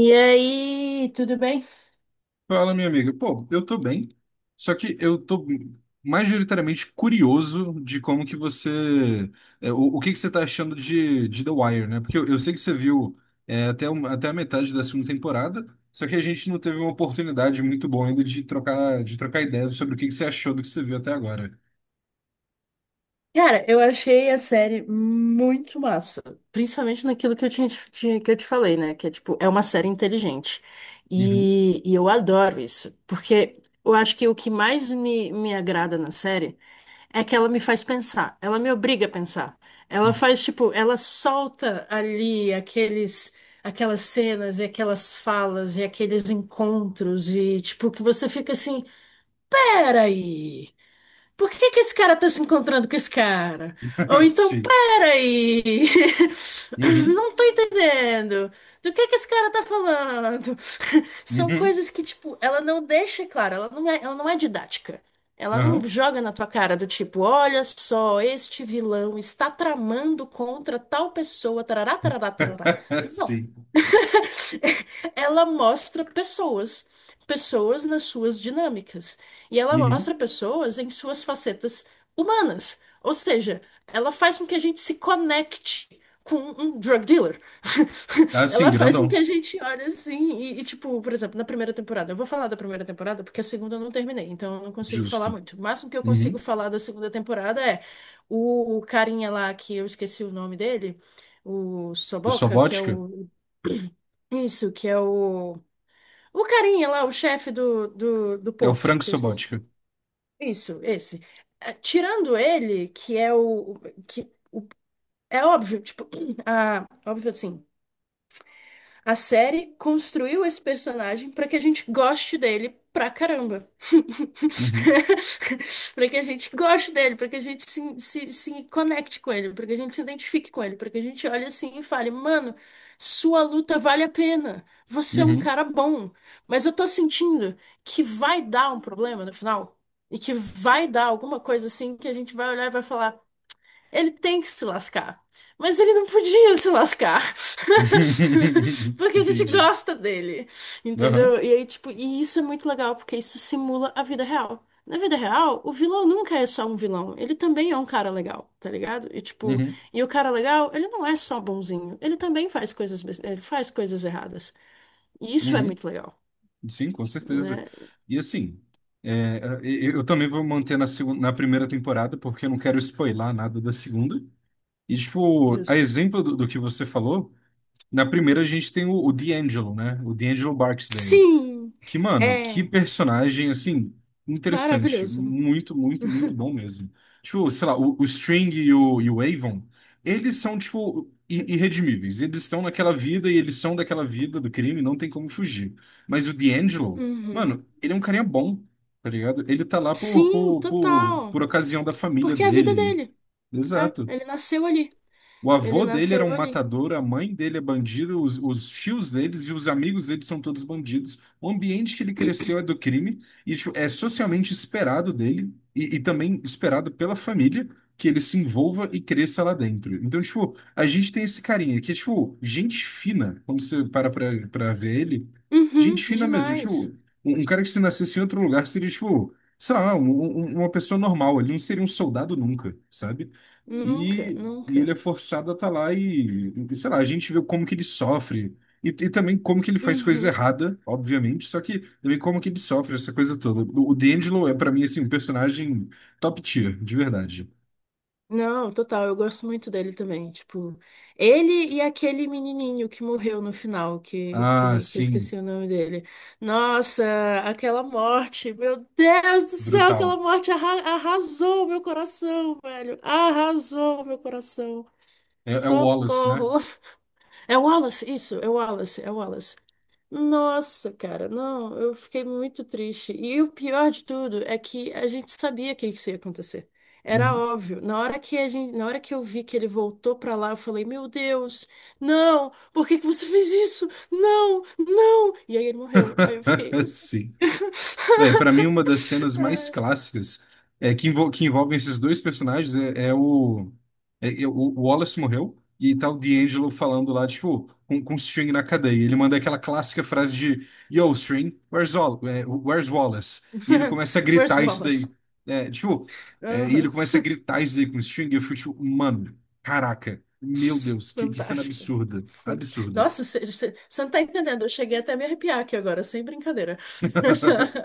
E aí, tudo bem? Fala, minha amiga. Pô, eu tô bem, só que eu tô majoritariamente curioso de como que você... o que que você tá achando de The Wire, né? Porque eu sei que você viu até, até a metade da segunda temporada, só que a gente não teve uma oportunidade muito boa ainda de trocar ideias sobre o que que você achou do que você viu até agora. Cara, eu achei a série muito massa, principalmente naquilo que eu tinha, te- tinha- que eu te falei, né? Que é tipo, é uma série inteligente. Uhum. E eu adoro isso, porque eu acho que o que mais me agrada na série é que ela me faz pensar, ela me obriga a pensar. Ela faz, tipo, ela solta ali aquelas cenas e aquelas falas e aqueles encontros e, tipo, que você fica assim, peraí. Por que que esse cara tá se encontrando com esse cara? Ou então, Sim. pera aí. Uhum. Não tô entendendo. Do que esse cara tá falando? São Uhum. coisas que, tipo, ela não deixa claro, ela não é didática. Ela não Aham. joga na tua cara do tipo, olha só, este vilão está tramando contra tal pessoa, tarará, tarará, tarará. Não, Sim. ela mostra pessoas, pessoas nas suas dinâmicas. E ela Uhum. mostra pessoas em suas facetas humanas. Ou seja, ela faz com que a gente se conecte com um drug dealer. Ah, sim, Ela faz com que grandão. a gente olhe assim e tipo, por exemplo, na primeira temporada. Eu vou falar da primeira temporada porque a segunda eu não terminei, então eu não consigo falar Justo. muito. O máximo que eu consigo Uhum. falar da segunda temporada é o carinha lá que eu esqueci o nome dele, o Do Soboca, que é Sobótica? o. Isso, que é o. O carinha lá, o chefe do É o porto, Frank que eu esqueci. Sobotka. Isso, esse. Tirando ele, que é o. Que é óbvio, tipo, ah, óbvio assim. A série construiu esse personagem pra que a gente goste dele pra caramba. Uhum. Pra que a gente goste dele, pra que a gente se conecte com ele, pra que a gente se identifique com ele, pra que a gente olhe assim e fale, mano, sua luta vale a pena. Você é um Uhum. cara bom. Mas eu tô sentindo que vai dar um problema no final. E que vai dar alguma coisa assim que a gente vai olhar e vai falar. Ele tem que se lascar. Mas ele não podia se lascar. Porque a gente Entendi. gosta dele. Aham. Entendeu? E aí, tipo, e isso é muito legal, porque isso simula a vida real. Na vida real, o vilão nunca é só um vilão. Ele também é um cara legal, tá ligado? E tipo, Uhum. e o cara legal, ele não é só bonzinho. Ele também faz coisas, ele faz coisas erradas. E isso é Uhum. muito legal, Sim, com certeza. né? E assim, eu também vou manter na primeira temporada, porque eu não quero spoilar nada da segunda. E, tipo, a Justo. exemplo do que você falou, na primeira a gente tem o D'Angelo, né? O D'Angelo Barksdale. Sim! Que, mano, que É personagem, assim, interessante. maravilhoso. Muito, muito, muito bom mesmo. Tipo, sei lá, o String e o Avon, eles são, tipo, irredimíveis. Eles estão naquela vida e eles são daquela vida do crime, não tem como fugir. Mas o D'Angelo, Uhum. mano, ele é um carinha bom, tá ligado? Ele tá lá Sim, total. por ocasião da família Porque é a vida dele. dele. Ah, Exato. ele nasceu ali. O Ele avô dele era um nasceu ali. matador, a mãe dele é bandido, os tios deles e os amigos deles são todos bandidos. O ambiente que ele cresceu é do crime e tipo, é socialmente esperado dele e também esperado pela família que ele se envolva e cresça lá dentro. Então, tipo, a gente tem esse carinha que é, tipo, gente fina, quando você para pra ver ele, Uhum, gente fina mesmo. Tipo, demais. Um cara que se nascesse em outro lugar seria, tipo, sei lá, uma pessoa normal, ele não seria um soldado nunca, sabe? Nunca, E ele é nunca. forçado a estar lá e, sei lá, a gente vê como que ele sofre. E também como que ele faz coisas Uhum. erradas, obviamente, só que também como que ele sofre essa coisa toda. O D'Angelo é, pra mim, assim, um personagem top tier, de verdade. Não, total, eu gosto muito dele também. Tipo, ele e aquele menininho que morreu no final, Ah, que eu sim, esqueci o nome dele. Nossa, aquela morte, meu Deus do céu, brutal. aquela morte arrasou meu coração, velho. Arrasou meu coração. É, é o Wallace, né? Socorro. É o Wallace, isso, é o Wallace, é o Wallace. Nossa, cara, não, eu fiquei muito triste. E o pior de tudo é que a gente sabia que isso ia acontecer. Era Uhum. óbvio. Na hora que eu vi que ele voltou pra lá, eu falei: "Meu Deus, não! Por que que você fez isso? Não, não!" E aí ele morreu. Aí eu fiquei, eu sei. Sim. Véi, pra mim, uma das cenas mais Ai. clássicas é que envolvem esses dois personagens é, é o. O Wallace morreu e tá o D'Angelo falando lá, tipo, com o String na cadeia. Ele manda aquela clássica frase de: "Yo, String, where's Wallace?" E ele começa a Where's gritar isso Wallace? daí. É, tipo, é, e ele Aham. começa a gritar isso daí com o String e eu fico tipo, mano, caraca, meu Deus, que cena Fantástico. absurda. Absurda. Nossa, você não tá entendendo. Eu cheguei até a me arrepiar aqui agora, sem brincadeira.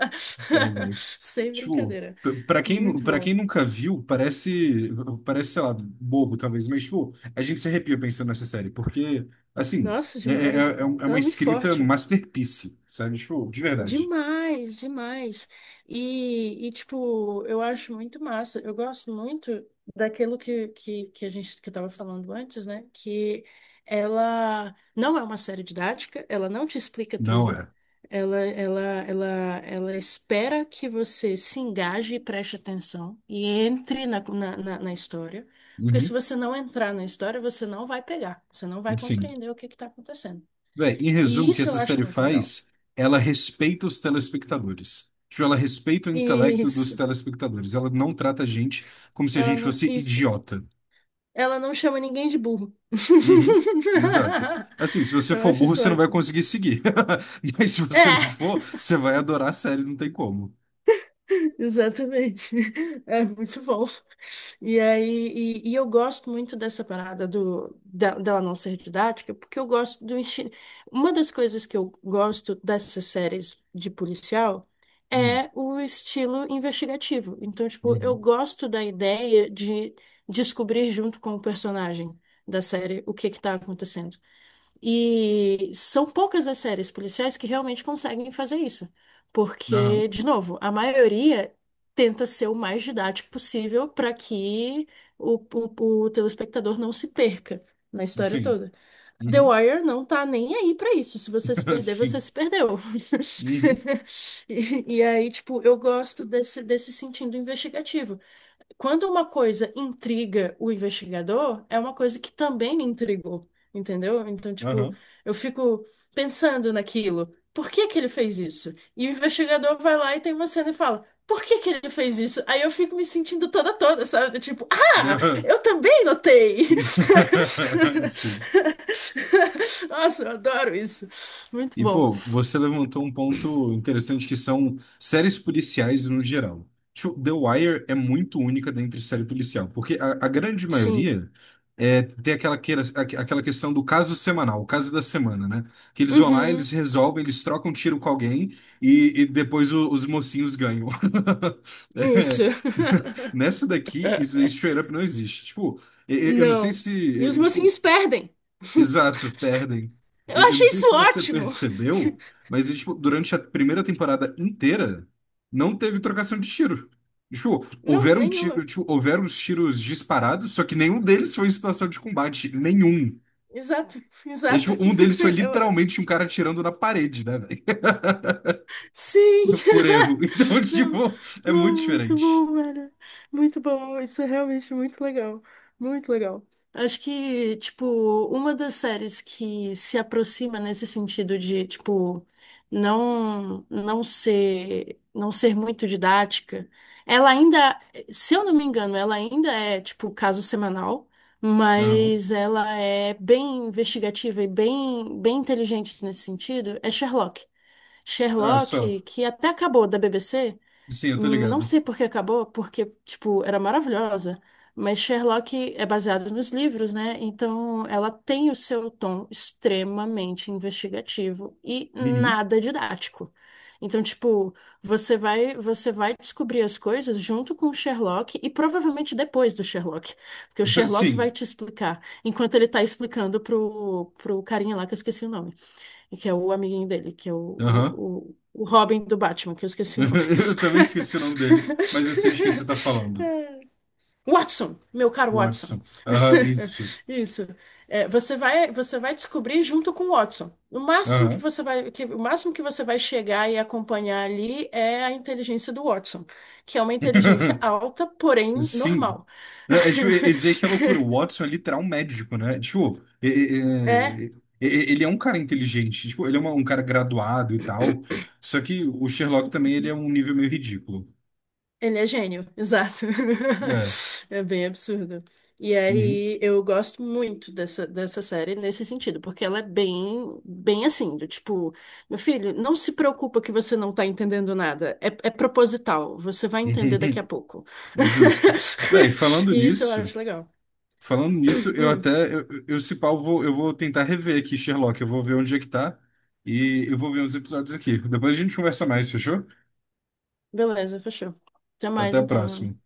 É, velho. Sem Tipo, brincadeira. Pra quem, Muito pra quem bom. nunca viu, parece, parece, sei lá, bobo talvez, mas, tipo, a gente se arrepia pensando nessa série, porque, assim, Nossa, demais. É Gente. É Ela uma é muito escrita forte. masterpiece, sabe? Tipo, de verdade. Demais, demais. E tipo, eu acho muito massa. Eu gosto muito daquilo que a gente que estava falando antes, né? Que ela não é uma série didática, ela não te explica Não tudo. é. Ela, ela, ela, ela espera que você se engaje e preste atenção e entre na na história. Porque se Uhum. você não entrar na história, você não vai pegar, você não vai Sim. compreender o que que está acontecendo. Véi, em E resumo, o que isso eu essa acho série muito legal. faz, ela respeita os telespectadores. Tipo, ela respeita o intelecto dos Isso. telespectadores. Ela não trata a gente como se a Ela gente não, fosse isso. idiota. Ela não chama ninguém de burro. Uhum, exato. Assim, se você Eu for acho burro, isso você não vai ótimo. conseguir seguir. Mas se você não É, for, você vai adorar a série, não tem como. exatamente. É muito bom. E aí, e eu gosto muito dessa parada dela não ser didática, porque eu gosto do estilo. Uma das coisas que eu gosto dessas séries de policial Hum, é o estilo investigativo. Então, tipo, eu uhum, gosto da ideia de descobrir junto com o personagem da série o que que tá acontecendo. E são poucas as séries policiais que realmente conseguem fazer isso. aham, Porque, de novo, a maioria tenta ser o mais didático possível para que o telespectador não se perca na história sim. toda. The Uhum, Wire não tá nem aí para isso. Se você se perder, você sim. se perdeu. Uhum, E aí, tipo, eu gosto desse sentido investigativo. Quando uma coisa intriga o investigador, é uma coisa que também me intrigou, entendeu? Então, tipo, aham, eu fico pensando naquilo. Por que que ele fez isso? E o investigador vai lá e tem uma cena e fala: Por que que ele fez isso? Aí eu fico me sentindo toda toda, sabe? Do tipo, ah, aham. eu também notei. Sim. Nossa, eu adoro isso. Muito E, bom. pô, você levantou um ponto interessante que são séries policiais no geral. Tipo, The Wire é muito única dentre série policial, porque a grande Sim. maioria é, tem aquela, aquela questão do caso semanal, o caso da semana, né? Que eles vão lá, eles Uhum. resolvem, eles trocam tiro com alguém e depois os mocinhos ganham. É. Isso. Nessa daqui, isso straight up não existe. Tipo, eu não sei Não. se. E os eu- tipo, mocinhos perdem. Exato, perdem. Eu Eu não achei sei isso se você ótimo. percebeu, mas tipo, durante a primeira temporada inteira não teve trocação de tiro. Tipo, Não, houveram tiro, nenhuma. tipo, houveram os tiros disparados, só que nenhum deles foi em situação de combate, nenhum. Exato, E, exato. tipo, um deles foi Eu- literalmente um cara atirando na parede, né, velho? Sim! Por erro. Então, Não, tipo, é muito não, muito diferente. bom, velho. Muito bom, isso é realmente muito legal. Muito legal. Acho que, tipo, uma das séries que se aproxima nesse sentido de, tipo, não ser muito didática, ela ainda, se eu não me engano, ela ainda é, tipo, caso semanal, Não. mas ela é bem investigativa e bem inteligente nesse sentido, é Sherlock. Ah, só. Sherlock, que até acabou da BBC. Sim, eu tô Não ligado. sei por que acabou, porque, tipo, era maravilhosa. Mas Sherlock é baseado nos livros, né? Então ela tem o seu tom extremamente investigativo e Uhum. nada didático. Então, tipo, você vai descobrir as coisas junto com o Sherlock e provavelmente depois do Sherlock, porque o Sherlock vai Sim. te explicar, enquanto ele tá explicando pro carinha lá que eu esqueci o nome que é o amiguinho dele, que é Aham. o, o Robin do Batman, que eu esqueci o nome. Eu também esqueci o nome dele, mas eu sei de quem você tá falando. Watson, meu caro Watson. Watson. Ah, isso. Isso. É, você vai descobrir junto com o Watson. Aham. O máximo que você vai chegar e acompanhar ali é a inteligência do Watson, que é uma inteligência alta, porém Sim. normal. É, tipo, tipo, é isso aí que é loucura. O Watson é literal um médico, né? Tipo, É, ele é um cara inteligente. Tipo, ele é um cara graduado e tal. Só que o Sherlock também ele é um nível meio ridículo. ele é gênio, exato. É. É bem absurdo. E Uhum. aí eu gosto muito dessa série nesse sentido, porque ela é bem assim, do tipo, meu filho, não se preocupa que você não tá entendendo nada. É, é proposital, você vai entender daqui a pouco. Justo. Véi, E isso eu acho legal. falando nisso, eu Hum, até, se pau, eu vou tentar rever aqui Sherlock. Eu vou ver onde é que tá e eu vou ver uns episódios aqui. Depois a gente conversa mais, fechou? beleza, fechou. Até Até mais a então. próxima.